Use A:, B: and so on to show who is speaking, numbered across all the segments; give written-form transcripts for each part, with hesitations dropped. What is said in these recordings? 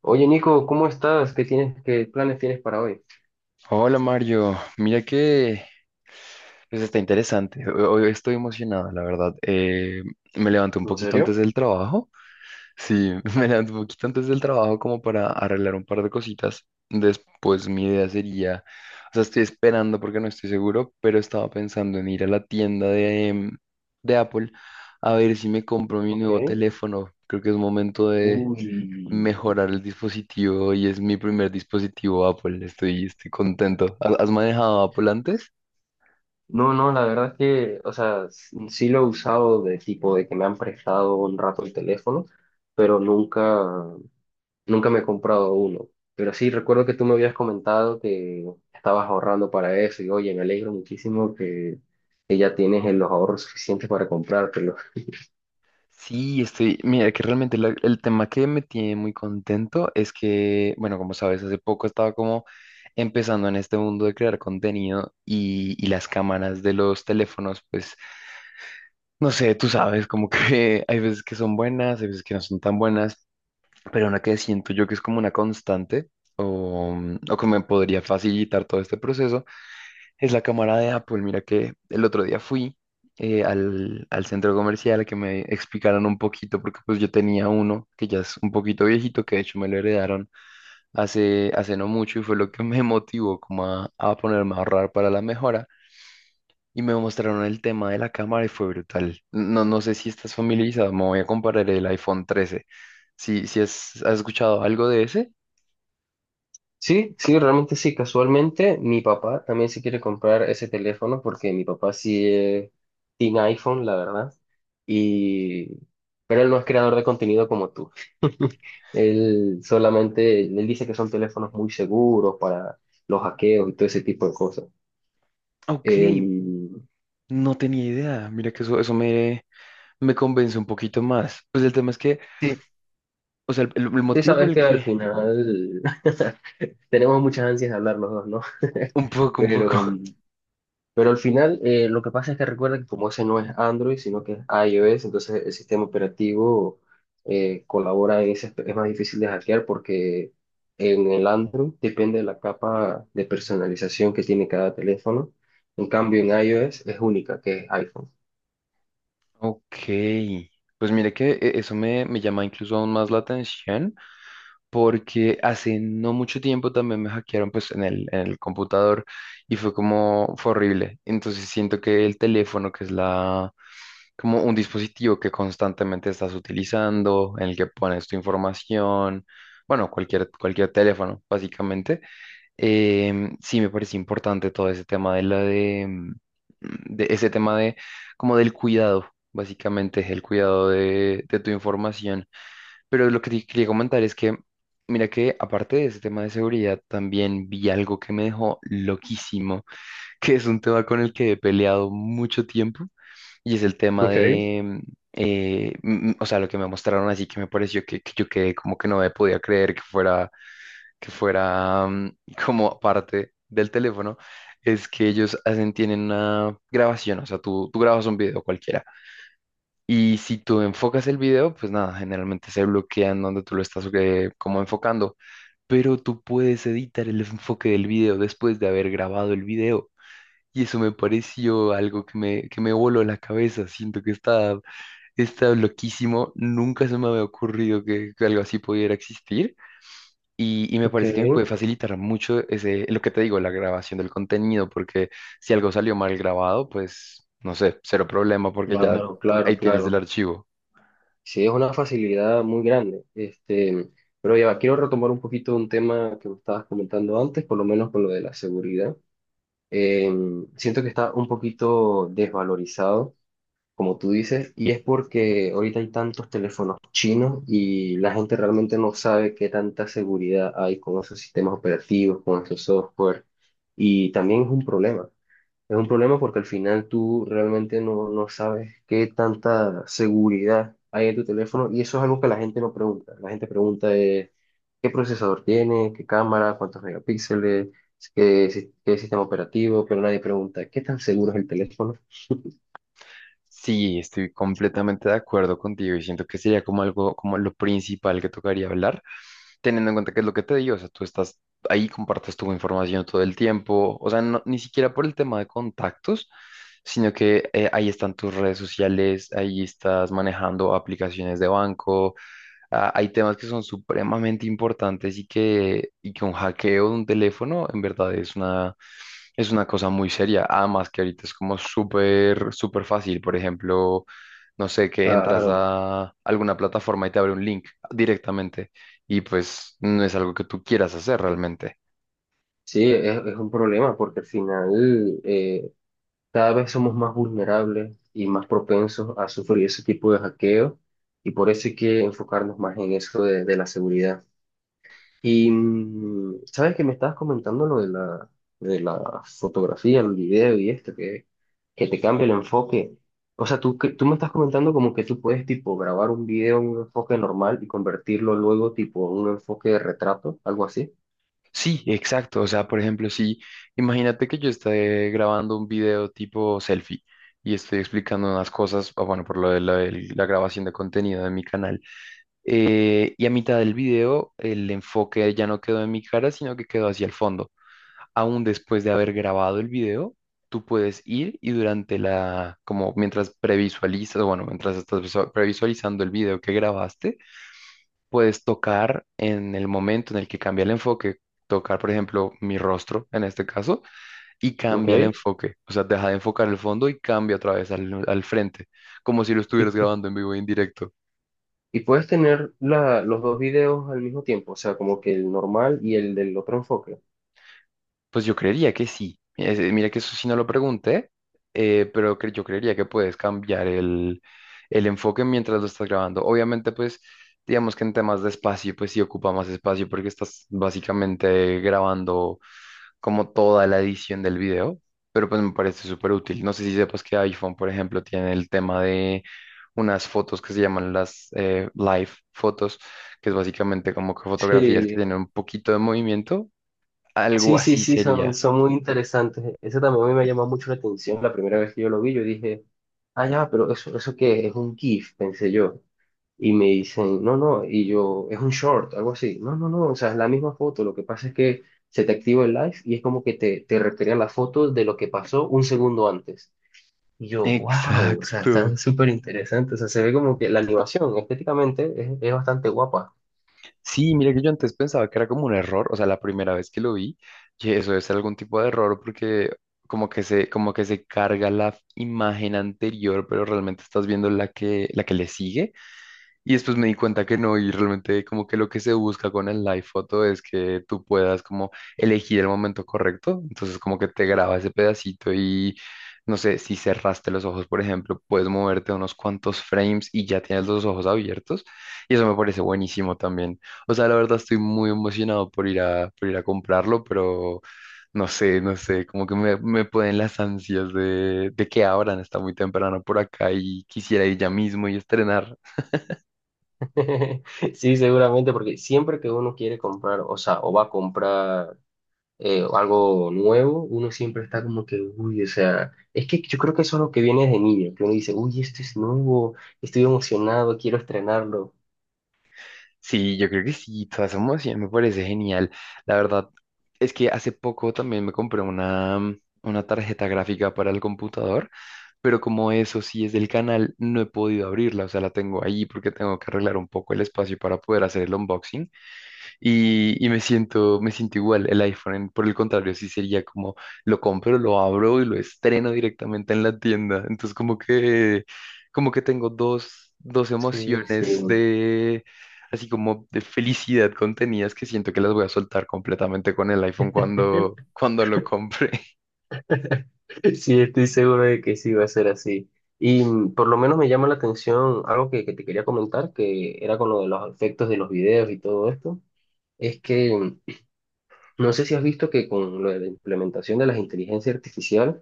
A: Oye, Nico, ¿cómo estás? ¿Qué tienes, qué planes tienes para hoy?
B: Hola Mario, mira que pues está interesante. Hoy estoy emocionado, la verdad. Me levanté un
A: ¿En
B: poquito antes
A: serio?
B: del trabajo. Sí, me levanté un poquito antes del trabajo como para arreglar un par de cositas. Después mi idea sería, o sea, estoy esperando porque no estoy seguro, pero estaba pensando en ir a la tienda de de Apple a ver si me compro mi
A: Ok.
B: nuevo teléfono. Creo que es momento de
A: Uy,
B: mejorar el dispositivo, y es mi primer dispositivo Apple. Estoy contento. ¿ ¿Has manejado Apple antes?
A: no, no, la verdad es que, o sea, sí lo he usado de tipo de que me han prestado un rato el teléfono, pero nunca, nunca me he comprado uno. Pero sí, recuerdo que tú me habías comentado que estabas ahorrando para eso y oye, me alegro muchísimo que ya tienes los ahorros suficientes para comprártelo.
B: Sí, estoy. Mira, que realmente el tema que me tiene muy contento es que, bueno, como sabes, hace poco estaba como empezando en este mundo de crear contenido y las cámaras de los teléfonos, pues, no sé, tú sabes, como que hay veces que son buenas, hay veces que no son tan buenas, pero una que siento yo que es como una constante o, o que me podría facilitar todo este proceso. Es la cámara de Apple. Mira que el otro día fui al al centro comercial a que me explicaran un poquito, porque pues yo tenía uno que ya es un poquito viejito, que de hecho me lo heredaron hace no mucho y fue lo que me motivó como a ponerme a ahorrar para la mejora. Y me mostraron el tema de la cámara y fue brutal. No, no sé si estás familiarizado, me voy a comparar el iPhone 13. Si, has escuchado algo de ese.
A: Sí, sí, realmente sí. Casualmente, mi papá también se quiere comprar ese teléfono porque mi papá sí tiene iPhone, la verdad. Y... Pero él no es creador de contenido como tú. Él solamente, él dice que son teléfonos muy seguros para los hackeos y todo ese tipo de cosas.
B: Ok,
A: Em,
B: no tenía idea. Mira que eso me convence un poquito más. Pues el tema es que.
A: sí,
B: O sea, el
A: sí
B: motivo por
A: sabes
B: el
A: que al
B: que...
A: final tenemos muchas ansias de hablar los dos, ¿no?
B: Un poco, un poco.
A: Pero Pero al final, lo que pasa es que recuerda que como ese no es Android, sino que es iOS, entonces el sistema operativo colabora en ese, es más difícil de hackear porque en el Android depende de la capa de personalización que tiene cada teléfono. En cambio, en iOS es única, que es iPhone.
B: Ok. Pues mire que eso me llama incluso aún más la atención porque hace no mucho tiempo también me hackearon pues en en el computador y fue como, fue horrible. Entonces siento que el teléfono, que es la, como un dispositivo que constantemente estás utilizando, en el que pones tu información, bueno, cualquier teléfono básicamente. Sí, me parece importante todo ese tema de la de, mm, de ese tema de como del cuidado, básicamente, es el cuidado de tu información. Pero lo que te quería comentar es que, mira que aparte de ese tema de seguridad, también vi algo que me dejó loquísimo, que es un tema con el que he peleado mucho tiempo, y es el tema
A: Ok,
B: de o sea, lo que me mostraron así que me pareció que yo quedé como que no me podía creer que fuera que fuera como parte del teléfono, es que ellos hacen, tienen una grabación, o sea, tú grabas un video cualquiera y si tú enfocas el video, pues nada, generalmente se bloquean donde tú lo estás como enfocando, pero tú puedes editar el enfoque del video después de haber grabado el video. Y eso me pareció algo que que me voló la cabeza. Siento que está, está loquísimo. Nunca se me había ocurrido que algo así pudiera existir. Y me
A: ok.
B: parece que me puede facilitar mucho ese, lo que te digo, la grabación del contenido, porque si algo salió mal grabado, pues no sé, cero problema, porque ya
A: Claro, claro,
B: ahí tienes el
A: claro.
B: archivo.
A: Sí, es una facilidad muy grande. Este, pero ya va, quiero retomar un poquito un tema que me estabas comentando antes, por lo menos con lo de la seguridad. eh, Siento que está un poquito desvalorizado, como tú dices, y es porque ahorita hay tantos teléfonos chinos y la gente realmente no sabe qué tanta seguridad hay con esos sistemas operativos, con esos software, y también es un problema. Es un problema porque al final tú realmente no, no sabes qué tanta seguridad hay en tu teléfono y eso es algo que la gente no pregunta. La gente pregunta qué procesador tiene, qué cámara, cuántos megapíxeles, qué, qué sistema operativo, pero nadie pregunta, ¿qué tan seguro es el teléfono?
B: Sí, estoy completamente de acuerdo contigo y siento que sería como algo, como lo principal que tocaría hablar, teniendo en cuenta que es lo que te digo, o sea, tú estás ahí, compartes tu información todo el tiempo, o sea, ni siquiera por el tema de contactos, sino que ahí están tus redes sociales, ahí estás manejando aplicaciones de banco. Ah, hay temas que son supremamente importantes y que un hackeo de un teléfono en verdad es una cosa muy seria. Además que ahorita es como súper, súper fácil. Por ejemplo, no sé, que entras
A: Claro,
B: a alguna plataforma y te abre un link directamente, y pues no es algo que tú quieras hacer realmente.
A: sí, es un problema porque al final cada vez somos más vulnerables y más propensos a sufrir ese tipo de hackeo y por eso hay que enfocarnos más en eso de la seguridad. Y sabes que me estabas comentando lo de la fotografía, el video y esto, que te cambia el enfoque. O sea, tú, tú me estás comentando como que tú puedes tipo grabar un video en un enfoque normal y convertirlo luego tipo en un enfoque de retrato, algo así,
B: Sí, exacto. O sea, por ejemplo, si imagínate que yo esté grabando un video tipo selfie y estoy explicando unas cosas, ah, bueno, por lo de la grabación de contenido de mi canal. Y a mitad del video, el enfoque ya no quedó en mi cara, sino que quedó hacia el fondo. Aún después de haber grabado el video, tú puedes ir y durante la, como mientras previsualizas, o bueno, mientras estás previsualizando el video que grabaste, puedes tocar en el momento en el que cambia el enfoque, tocar, por ejemplo, mi rostro en este caso, y cambia el
A: ¿ok?
B: enfoque. O sea, deja de enfocar el fondo y cambia otra vez al frente, como si lo
A: Y,
B: estuvieras
A: y,
B: grabando en vivo y en directo.
A: y puedes tener la, los dos videos al mismo tiempo, o sea, como que el normal y el del otro enfoque.
B: Pues yo creería que sí. Mira que eso sí no lo pregunté, pero yo creería que puedes cambiar el enfoque mientras lo estás grabando. Obviamente, pues, digamos que en temas de espacio, pues sí ocupa más espacio porque estás básicamente grabando como toda la edición del video, pero pues me parece súper útil. No sé si sepas que iPhone, por ejemplo, tiene el tema de unas fotos que se llaman las live fotos, que es básicamente como que fotografías que
A: Sí,
B: tienen un poquito de movimiento. Algo
A: sí, sí,
B: así
A: sí, son,
B: sería.
A: son muy interesantes. Ese también a mí me llamó mucho la atención la primera vez que yo lo vi. Yo dije, ah, ya, pero eso qué es un GIF, pensé yo. Y me dicen, no, no, y yo, es un short, algo así. No, no, no, o sea, es la misma foto. Lo que pasa es que se te activa el live y es como que te recrean la foto de lo que pasó un segundo antes. Y yo, wow, o sea, está
B: Exacto.
A: súper interesante. O sea, se ve como que la animación estéticamente es bastante guapa.
B: Sí, mira que yo antes pensaba que era como un error, o sea, la primera vez que lo vi, que eso es algún tipo de error porque como que se carga la imagen anterior, pero realmente estás viendo la que le sigue. Y después me di cuenta que no, y realmente como que lo que se busca con el live photo es que tú puedas como elegir el momento correcto, entonces como que te graba ese pedacito y no sé, si cerraste los ojos, por ejemplo, puedes moverte unos cuantos frames y ya tienes los ojos abiertos, y eso me parece buenísimo también. O sea, la verdad estoy muy emocionado por ir por ir a comprarlo, pero no sé, no sé, como que me pueden las ansias de que abran, está muy temprano por acá y quisiera ir ya mismo y estrenar.
A: Sí, seguramente, porque siempre que uno quiere comprar, o sea, o va a comprar o algo nuevo, uno siempre está como que, uy, o sea, es que yo creo que eso es lo que viene desde niño, que uno dice, uy, esto es nuevo, estoy emocionado, quiero estrenarlo.
B: Sí, yo creo que sí, toda somos emoción, me parece genial. La verdad es que hace poco también me compré una tarjeta gráfica para el computador, pero como eso sí es del canal, no he podido abrirla, o sea, la tengo ahí porque tengo que arreglar un poco el espacio para poder hacer el unboxing. Y me siento igual. El iPhone, por el contrario, sí sería como lo compro, lo abro y lo estreno directamente en la tienda. Entonces, como que tengo dos
A: Sí, sí,
B: emociones de, así como de felicidad contenidas que siento que las voy a soltar completamente con el iPhone cuando lo compre.
A: sí, estoy seguro de que sí va a ser así. Y por lo menos me llama la atención algo que te quería comentar, que era con lo de los efectos de los videos y todo esto, es que no sé si has visto que con lo de la implementación de las inteligencias artificiales,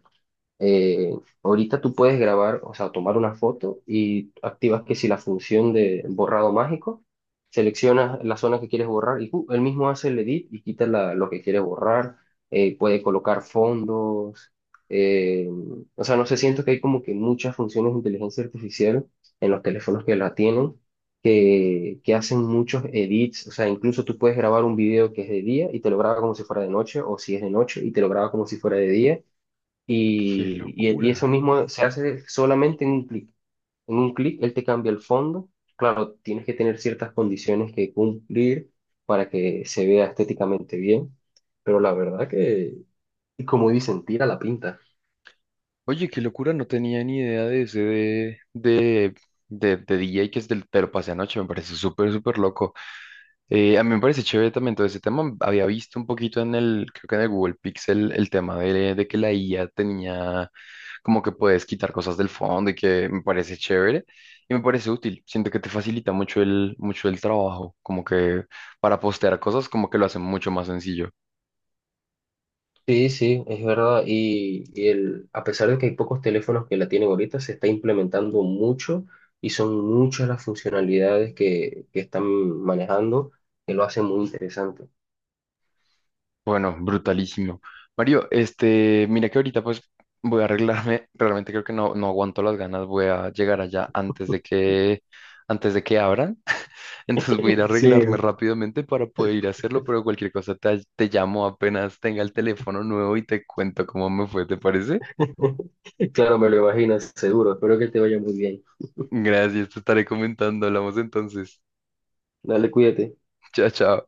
A: eh, ahorita tú puedes grabar, o sea, tomar una foto y activas que si la función de borrado mágico, seleccionas la zona que quieres borrar y ¡pum! Él mismo hace el edit y quita lo que quieres borrar, puede colocar fondos, eh, o sea, no sé, siento que hay como que muchas funciones de inteligencia artificial en los teléfonos que la tienen. Que hacen muchos edits, o sea, incluso tú puedes grabar un video que es de día y te lo graba como si fuera de noche, o si es de noche y te lo graba como si fuera de día,
B: ¡Qué
A: y, y eso
B: locura!
A: mismo se hace solamente en un clic. En un clic él te cambia el fondo. Claro, tienes que tener ciertas condiciones que cumplir para que se vea estéticamente bien, pero la verdad que, y como dicen, tira la pinta.
B: Oye, qué locura, no tenía ni idea de ese de DJ que es del, te lo pasé anoche, me parece súper, súper loco. A mí me parece chévere también todo ese tema. Había visto un poquito en el, creo que en el Google Pixel, el tema de que la IA tenía como que puedes quitar cosas del fondo, y que me parece chévere y me parece útil. Siento que te facilita mucho mucho el trabajo, como que para postear cosas, como que lo hacen mucho más sencillo.
A: Sí, sí, es verdad. Y el, a pesar de que hay pocos teléfonos que la tienen ahorita, se está implementando mucho y son muchas las funcionalidades que están manejando que lo hacen muy interesante.
B: Bueno, brutalísimo. Mario, este, mira que ahorita pues voy a arreglarme. Realmente creo que no, no aguanto las ganas. Voy a llegar allá antes de que abran. Entonces voy a ir a arreglarme
A: Sí.
B: rápidamente para poder ir a hacerlo, pero cualquier cosa te llamo apenas tenga el teléfono nuevo y te cuento cómo me fue, ¿te parece?
A: Claro, me lo imaginas, seguro. Espero que te vaya muy bien.
B: Gracias, te estaré comentando. Hablamos entonces.
A: Dale, cuídate.
B: Chao, chao.